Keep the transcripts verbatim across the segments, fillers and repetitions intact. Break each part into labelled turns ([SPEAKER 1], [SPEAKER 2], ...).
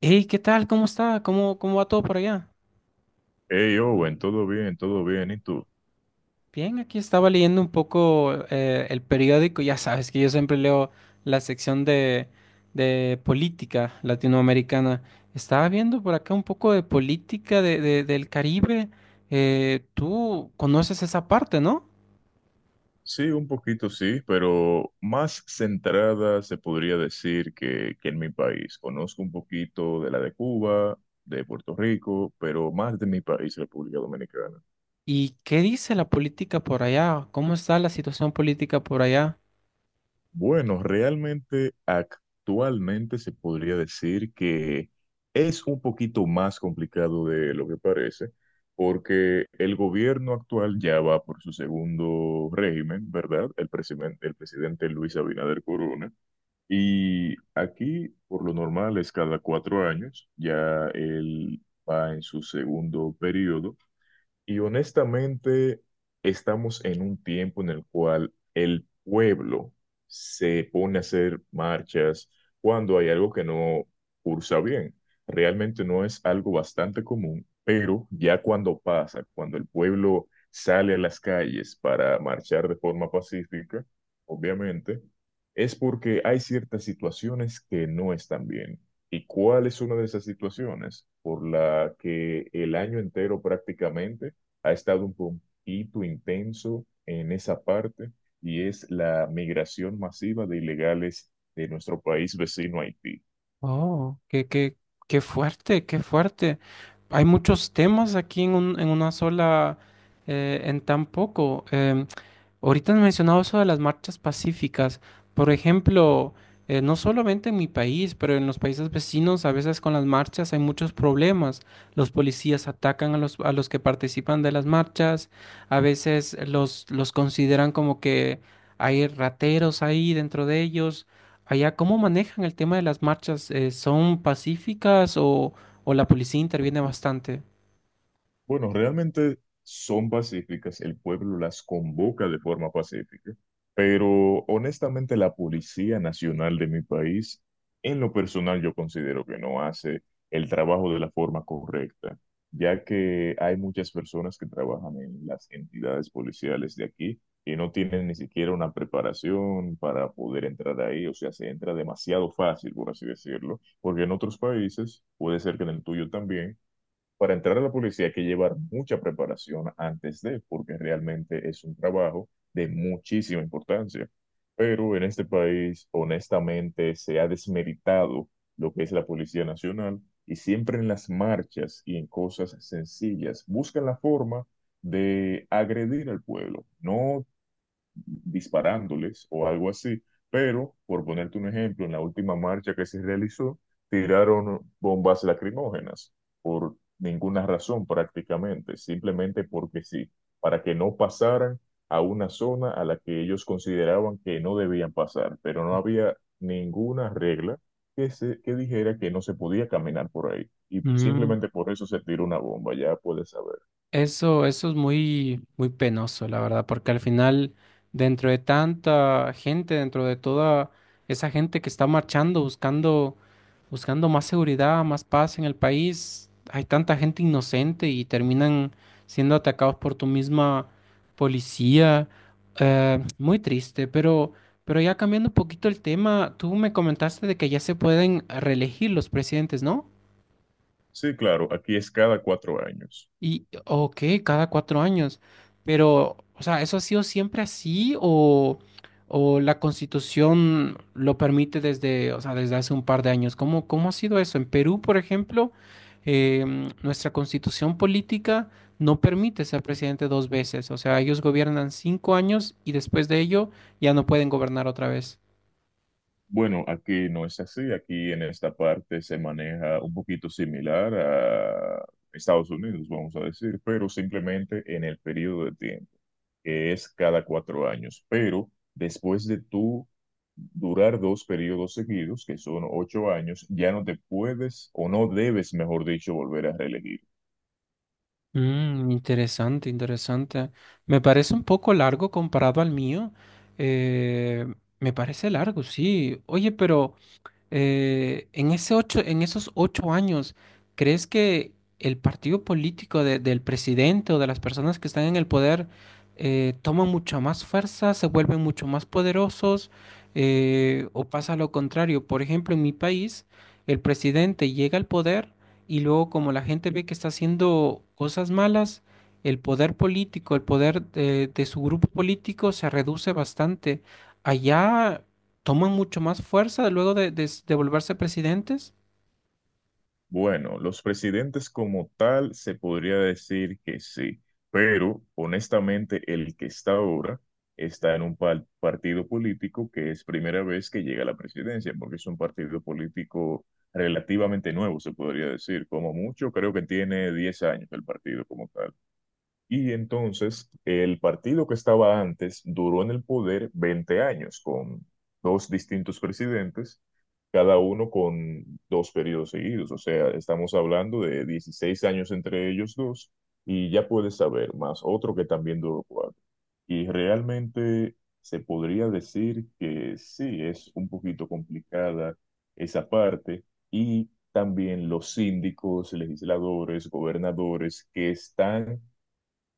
[SPEAKER 1] Hey, ¿qué tal? ¿Cómo está? ¿Cómo, cómo va todo por allá?
[SPEAKER 2] Hey Owen, todo bien, todo bien. ¿Y tú?
[SPEAKER 1] Bien, aquí estaba leyendo un poco eh, el periódico. Ya sabes que yo siempre leo la sección de, de política latinoamericana. Estaba viendo por acá un poco de política de, de- del Caribe. Eh, tú conoces esa parte, ¿no?
[SPEAKER 2] Sí, un poquito sí, pero más centrada se podría decir que, que en mi país. Conozco un poquito de la de Cuba, de Puerto Rico, pero más de mi país, República Dominicana.
[SPEAKER 1] ¿Y qué dice la política por allá? ¿Cómo está la situación política por allá?
[SPEAKER 2] Bueno, realmente actualmente se podría decir que es un poquito más complicado de lo que parece, porque el gobierno actual ya va por su segundo régimen, ¿verdad? El presidente, el presidente Luis Abinader Corona. Y aquí, por lo normal, es cada cuatro años, ya él va en su segundo periodo. Y honestamente, estamos en un tiempo en el cual el pueblo se pone a hacer marchas cuando hay algo que no cursa bien. Realmente no es algo bastante común, pero ya cuando pasa, cuando el pueblo sale a las calles para marchar de forma pacífica, obviamente, es porque hay ciertas situaciones que no están bien. ¿Y cuál es una de esas situaciones por la que el año entero prácticamente ha estado un poquito intenso en esa parte y es la migración masiva de ilegales de nuestro país vecino Haití?
[SPEAKER 1] Oh, qué, qué, qué fuerte, qué fuerte. Hay muchos temas aquí en un- en una sola, eh, en tan poco. Em, ahorita has mencionado eso de las marchas pacíficas. Por ejemplo, eh, no solamente en mi país, pero en los países vecinos, a veces con las marchas hay muchos problemas. Los policías atacan a los, a los que participan de las marchas. A veces los, los consideran como que hay rateros ahí dentro de ellos. Allá, ¿cómo manejan el tema de las marchas? Eh, ¿son pacíficas o, o la policía interviene bastante?
[SPEAKER 2] Bueno, realmente son pacíficas, el pueblo las convoca de forma pacífica, pero honestamente la Policía Nacional de mi país, en lo personal yo considero que no hace el trabajo de la forma correcta, ya que hay muchas personas que trabajan en las entidades policiales de aquí y no tienen ni siquiera una preparación para poder entrar ahí, o sea, se entra demasiado fácil, por así decirlo, porque en otros países, puede ser que en el tuyo también, para entrar a la policía hay que llevar mucha preparación antes de, porque realmente es un trabajo de muchísima importancia. Pero en este país, honestamente, se ha desmeritado lo que es la Policía Nacional y siempre en las marchas y en cosas sencillas buscan la forma de agredir al pueblo. No disparándoles o algo así, pero por ponerte un ejemplo, en la última marcha que se realizó, tiraron bombas lacrimógenas por ninguna razón prácticamente, simplemente porque sí, para que no pasaran a una zona a la que ellos consideraban que no debían pasar, pero no había ninguna regla que, se, que dijera que no se podía caminar por ahí. Y
[SPEAKER 1] Mm.
[SPEAKER 2] simplemente por eso se tiró una bomba, ya puedes saber.
[SPEAKER 1] Eso, eso es muy, muy penoso, la verdad, porque al final, dentro de tanta gente, dentro de toda esa gente que está marchando, buscando, buscando más seguridad, más paz en el país, hay tanta gente inocente y terminan siendo atacados por tu misma policía. Eh, muy triste, pero, pero ya cambiando un poquito el tema, tú me comentaste de que ya se pueden reelegir los presidentes, ¿no?
[SPEAKER 2] Sí, claro, aquí es cada cuatro años.
[SPEAKER 1] Y, ok, cada cuatro años. Pero, o sea, ¿eso ha sido siempre así o, o la Constitución lo permite desde, o sea, desde hace un par de años? ¿Cómo, cómo ha sido eso? En Perú, por ejemplo, em, nuestra Constitución política no permite ser presidente dos veces. O sea, ellos gobiernan cinco años y después de ello ya no pueden gobernar otra vez.
[SPEAKER 2] Bueno, aquí no es así. Aquí en esta parte se maneja un poquito similar a Estados Unidos, vamos a decir, pero simplemente en el periodo de tiempo, que es cada cuatro años. Pero después de tú durar dos periodos seguidos, que son ocho años, ya no te puedes o no debes, mejor dicho, volver a reelegir.
[SPEAKER 1] Mm, interesante, interesante. Me parece un poco largo comparado al mío. Eh, Me parece largo, sí. Oye, pero eh, en ese ocho, en esos ocho años, ¿crees que el partido político de- del presidente o de las personas que están en el poder eh, toman mucha más fuerza, se vuelven mucho más poderosos, eh, o pasa lo contrario? Por ejemplo, en mi país, el presidente llega al poder y luego como la gente ve que está haciendo cosas malas, el poder político, el poder de de su grupo político se reduce bastante. Allá toman mucho más fuerza luego de, de- de volverse presidentes.
[SPEAKER 2] Bueno, los presidentes como tal se podría decir que sí, pero honestamente el que está ahora está en un pa- partido político que es primera vez que llega a la presidencia, porque es un partido político relativamente nuevo, se podría decir, como mucho, creo que tiene diez años el partido como tal. Y entonces el partido que estaba antes duró en el poder veinte años con dos distintos presidentes, cada uno con dos periodos seguidos. O sea, estamos hablando de dieciséis años entre ellos dos y ya puedes saber, más otro que también duró cuatro. Y realmente se podría decir que sí, es un poquito complicada esa parte y también los síndicos, legisladores, gobernadores que están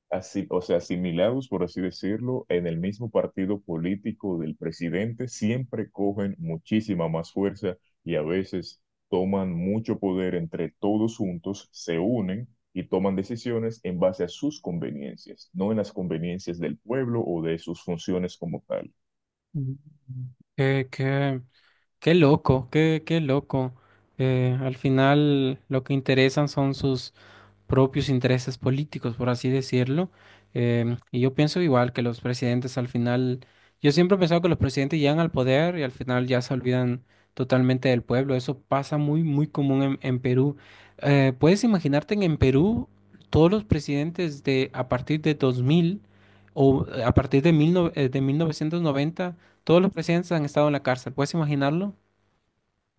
[SPEAKER 2] así, o sea, asimilados, por así decirlo, en el mismo partido político del presidente, siempre cogen muchísima más fuerza y a veces toman mucho poder entre todos juntos, se unen y toman decisiones en base a sus conveniencias, no en las conveniencias del pueblo o de sus funciones como tal.
[SPEAKER 1] Mm. Qué, qué, qué loco, qué, qué loco. Eh, al final lo que interesan son sus propios intereses políticos, por así decirlo. Em, y yo pienso igual que los presidentes al final, yo siempre he pensado que los presidentes llegan al poder y al final ya se olvidan totalmente del pueblo. Eso pasa muy, muy común en, en Perú. Eh, ¿puedes imaginarte que en Perú todos los presidentes de a partir de dos mil o eh, a partir de, mil no- eh, de mil novecientos noventa todos los presidentes han estado en la cárcel? ¿Puedes imaginarlo?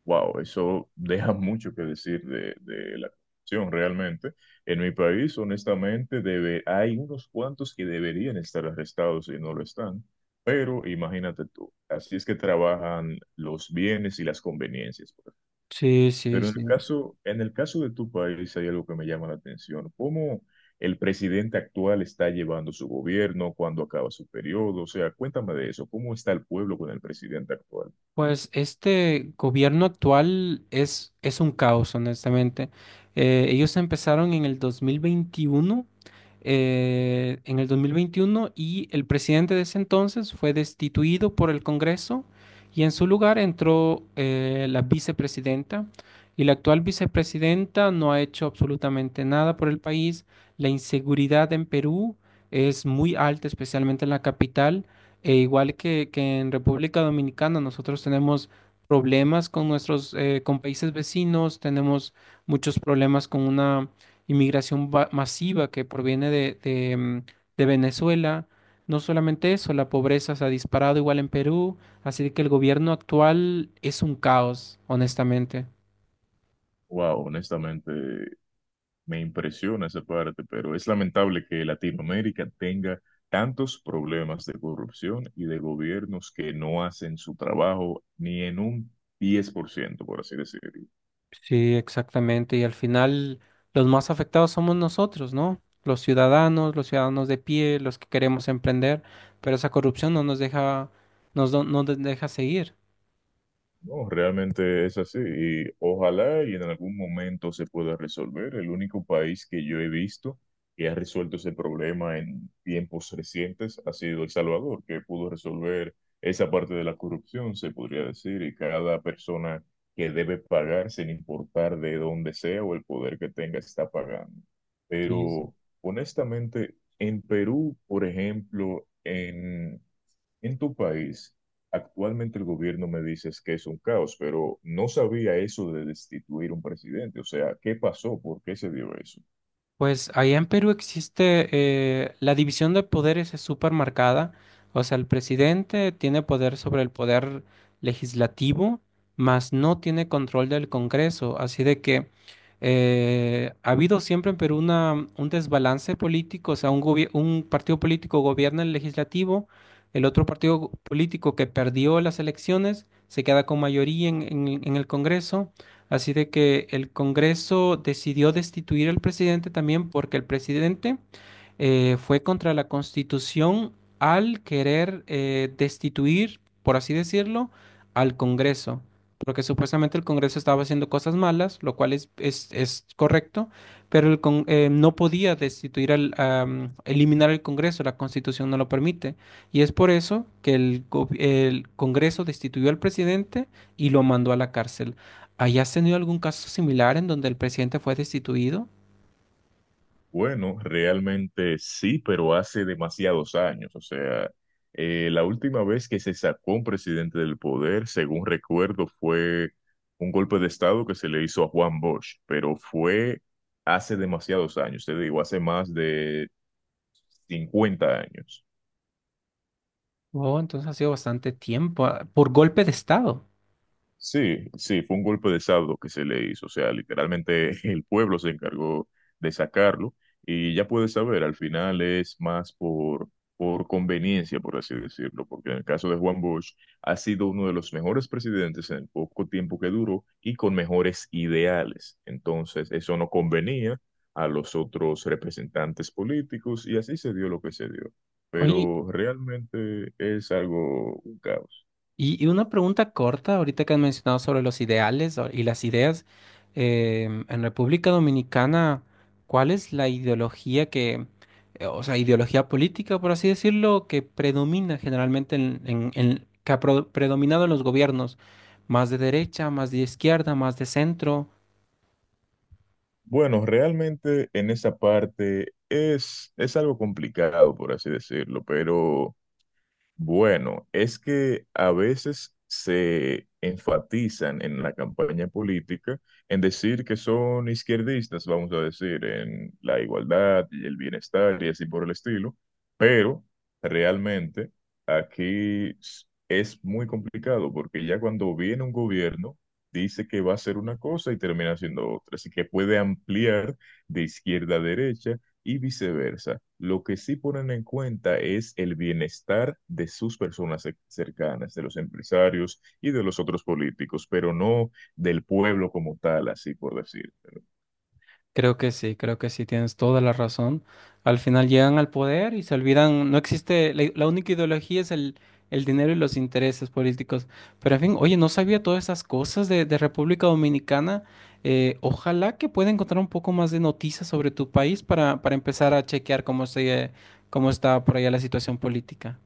[SPEAKER 2] Wow, eso deja mucho que decir de, de la corrupción realmente. En mi país, honestamente, debe, hay unos cuantos que deberían estar arrestados y no lo están, pero imagínate tú, así es que trabajan los bienes y las conveniencias, pues.
[SPEAKER 1] Sí, sí,
[SPEAKER 2] Pero en
[SPEAKER 1] sí.
[SPEAKER 2] el caso, en el caso de tu país hay algo que me llama la atención, cómo el presidente actual está llevando su gobierno, cuándo acaba su periodo, o sea, cuéntame de eso, ¿cómo está el pueblo con el presidente actual?
[SPEAKER 1] Pues este gobierno actual es, es un caos, honestamente. Eh, ellos empezaron en el dos mil veintiuno, eh, en el dos mil veintiuno y el presidente de ese entonces fue destituido por el Congreso y en su lugar entró eh, la vicepresidenta. Y la actual vicepresidenta no ha hecho absolutamente nada por el país. La inseguridad en Perú es muy alta, especialmente en la capital. E igual que, que en República Dominicana, nosotros tenemos problemas con nuestros, eh, con países vecinos, tenemos muchos problemas con una inmigración va- masiva que proviene de, de, mm, de Venezuela. No solamente eso, la pobreza se ha disparado igual en Perú, así que el gobierno actual es un caos, honestamente.
[SPEAKER 2] Wow, honestamente. Me impresiona esa parte, pero es lamentable que Latinoamérica tenga tantos problemas de corrupción y de gobiernos que no hacen su trabajo ni en un diez por ciento, por ciento, por así decirlo.
[SPEAKER 1] Sí, exactamente. Y al final los más afectados somos nosotros, ¿no? Los ciudadanos, los ciudadanos de pie, los que queremos emprender, pero esa corrupción no nos deja, nos, do- no nos deja seguir.
[SPEAKER 2] No, realmente es así y ojalá y en algún momento se pueda resolver. El único país que yo he visto que ha resuelto ese problema en tiempos recientes ha sido El Salvador, que pudo resolver esa parte de la corrupción, se podría decir, y cada persona que debe pagar, sin importar de dónde sea o el poder que tenga, está pagando.
[SPEAKER 1] Sí.
[SPEAKER 2] Pero honestamente, en Perú, por ejemplo, en en tu país, actualmente el gobierno me dices que es un caos, pero no sabía eso de destituir un presidente. O sea, ¿qué pasó? ¿Por qué se dio eso?
[SPEAKER 1] Pues allá en Perú existe eh, la división de poderes es súper marcada. O sea, el presidente tiene poder sobre el poder legislativo, mas no tiene control del Congreso. Así de que eh, ha habido siempre en Perú una, un desbalance político. O sea, un, gobier- un partido político gobierna el legislativo, el otro partido político que perdió las elecciones se queda con mayoría en en- en el Congreso. Así de que el Congreso decidió destituir al presidente también porque el presidente eh, fue contra la Constitución al querer eh, destituir, por así decirlo, al Congreso. Porque supuestamente el Congreso estaba haciendo cosas malas, lo cual es, es, es correcto, pero el con- eh, no podía destituir al, am, eliminar el Congreso, la Constitución no lo permite. Y es por eso que el, go- el Congreso destituyó al presidente y lo mandó a la cárcel. ¿Hayas tenido algún caso similar en donde el presidente fue destituido?
[SPEAKER 2] Bueno, realmente sí, pero hace demasiados años. O sea, eh, la última vez que se sacó un presidente del poder, según recuerdo, fue un golpe de estado que se le hizo a Juan Bosch, pero fue hace demasiados años, te digo, hace más de cincuenta años.
[SPEAKER 1] Oh, entonces ha sido bastante tiempo, ah, por golpe de estado.
[SPEAKER 2] Sí, sí, fue un golpe de estado que se le hizo, o sea, literalmente el pueblo se encargó de sacarlo y ya puedes saber, al final es más por, por conveniencia, por así decirlo, porque en el caso de Juan Bosch ha sido uno de los mejores presidentes en el poco tiempo que duró y con mejores ideales, entonces eso no convenía a los otros representantes políticos y así se dio lo que se dio,
[SPEAKER 1] Oye,
[SPEAKER 2] pero realmente es algo, un caos.
[SPEAKER 1] y, y una pregunta corta, ahorita que has mencionado sobre los ideales o- y las ideas, em, en República Dominicana, ¿cuál es la ideología que, eh, o sea, ideología política, por así decirlo, que predomina generalmente en, en- en- que ha pro- predominado en los gobiernos? ¿Más de derecha, más de izquierda, más de centro?
[SPEAKER 2] Bueno, realmente en esa parte es, es algo complicado, por así decirlo, pero bueno, es que a veces se enfatizan en la campaña política en decir que son izquierdistas, vamos a decir, en la igualdad y el bienestar y así por el estilo, pero realmente aquí s- es muy complicado porque ya cuando viene un gobierno dice que va a hacer una cosa y termina haciendo otra, así que puede ampliar de izquierda a derecha y viceversa. Lo que sí ponen en cuenta es el bienestar de sus personas cer- cercanas, de los empresarios y de los otros políticos, pero no del pueblo como tal, así por decir.
[SPEAKER 1] Creo que sí, creo que sí, tienes toda la razón. Al final llegan al poder y se olvidan, no existe, la, la única ideología es el, el dinero y los intereses políticos. Pero en fin, oye, no sabía todas esas cosas de, de República Dominicana. Eh, ojalá que pueda encontrar un poco más de noticias sobre tu país para, para empezar a chequear cómo se, cómo está por allá la situación política.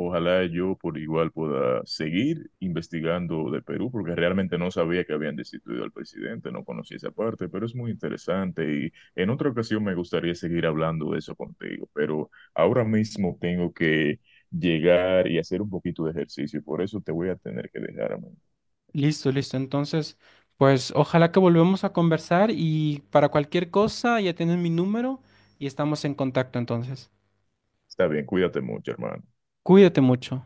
[SPEAKER 2] Ojalá yo por igual pueda seguir investigando de Perú, porque realmente no sabía que habían destituido al presidente, no conocía esa parte, pero es muy interesante y en otra ocasión me gustaría seguir hablando de eso contigo, pero ahora mismo tengo que llegar y hacer un poquito de ejercicio y por eso te voy a tener que dejar, amigo.
[SPEAKER 1] Listo, listo. Entonces, pues ojalá que volvamos a conversar y para cualquier cosa ya tienes mi número y estamos en contacto entonces.
[SPEAKER 2] Está bien, cuídate mucho, hermano.
[SPEAKER 1] Cuídate mucho.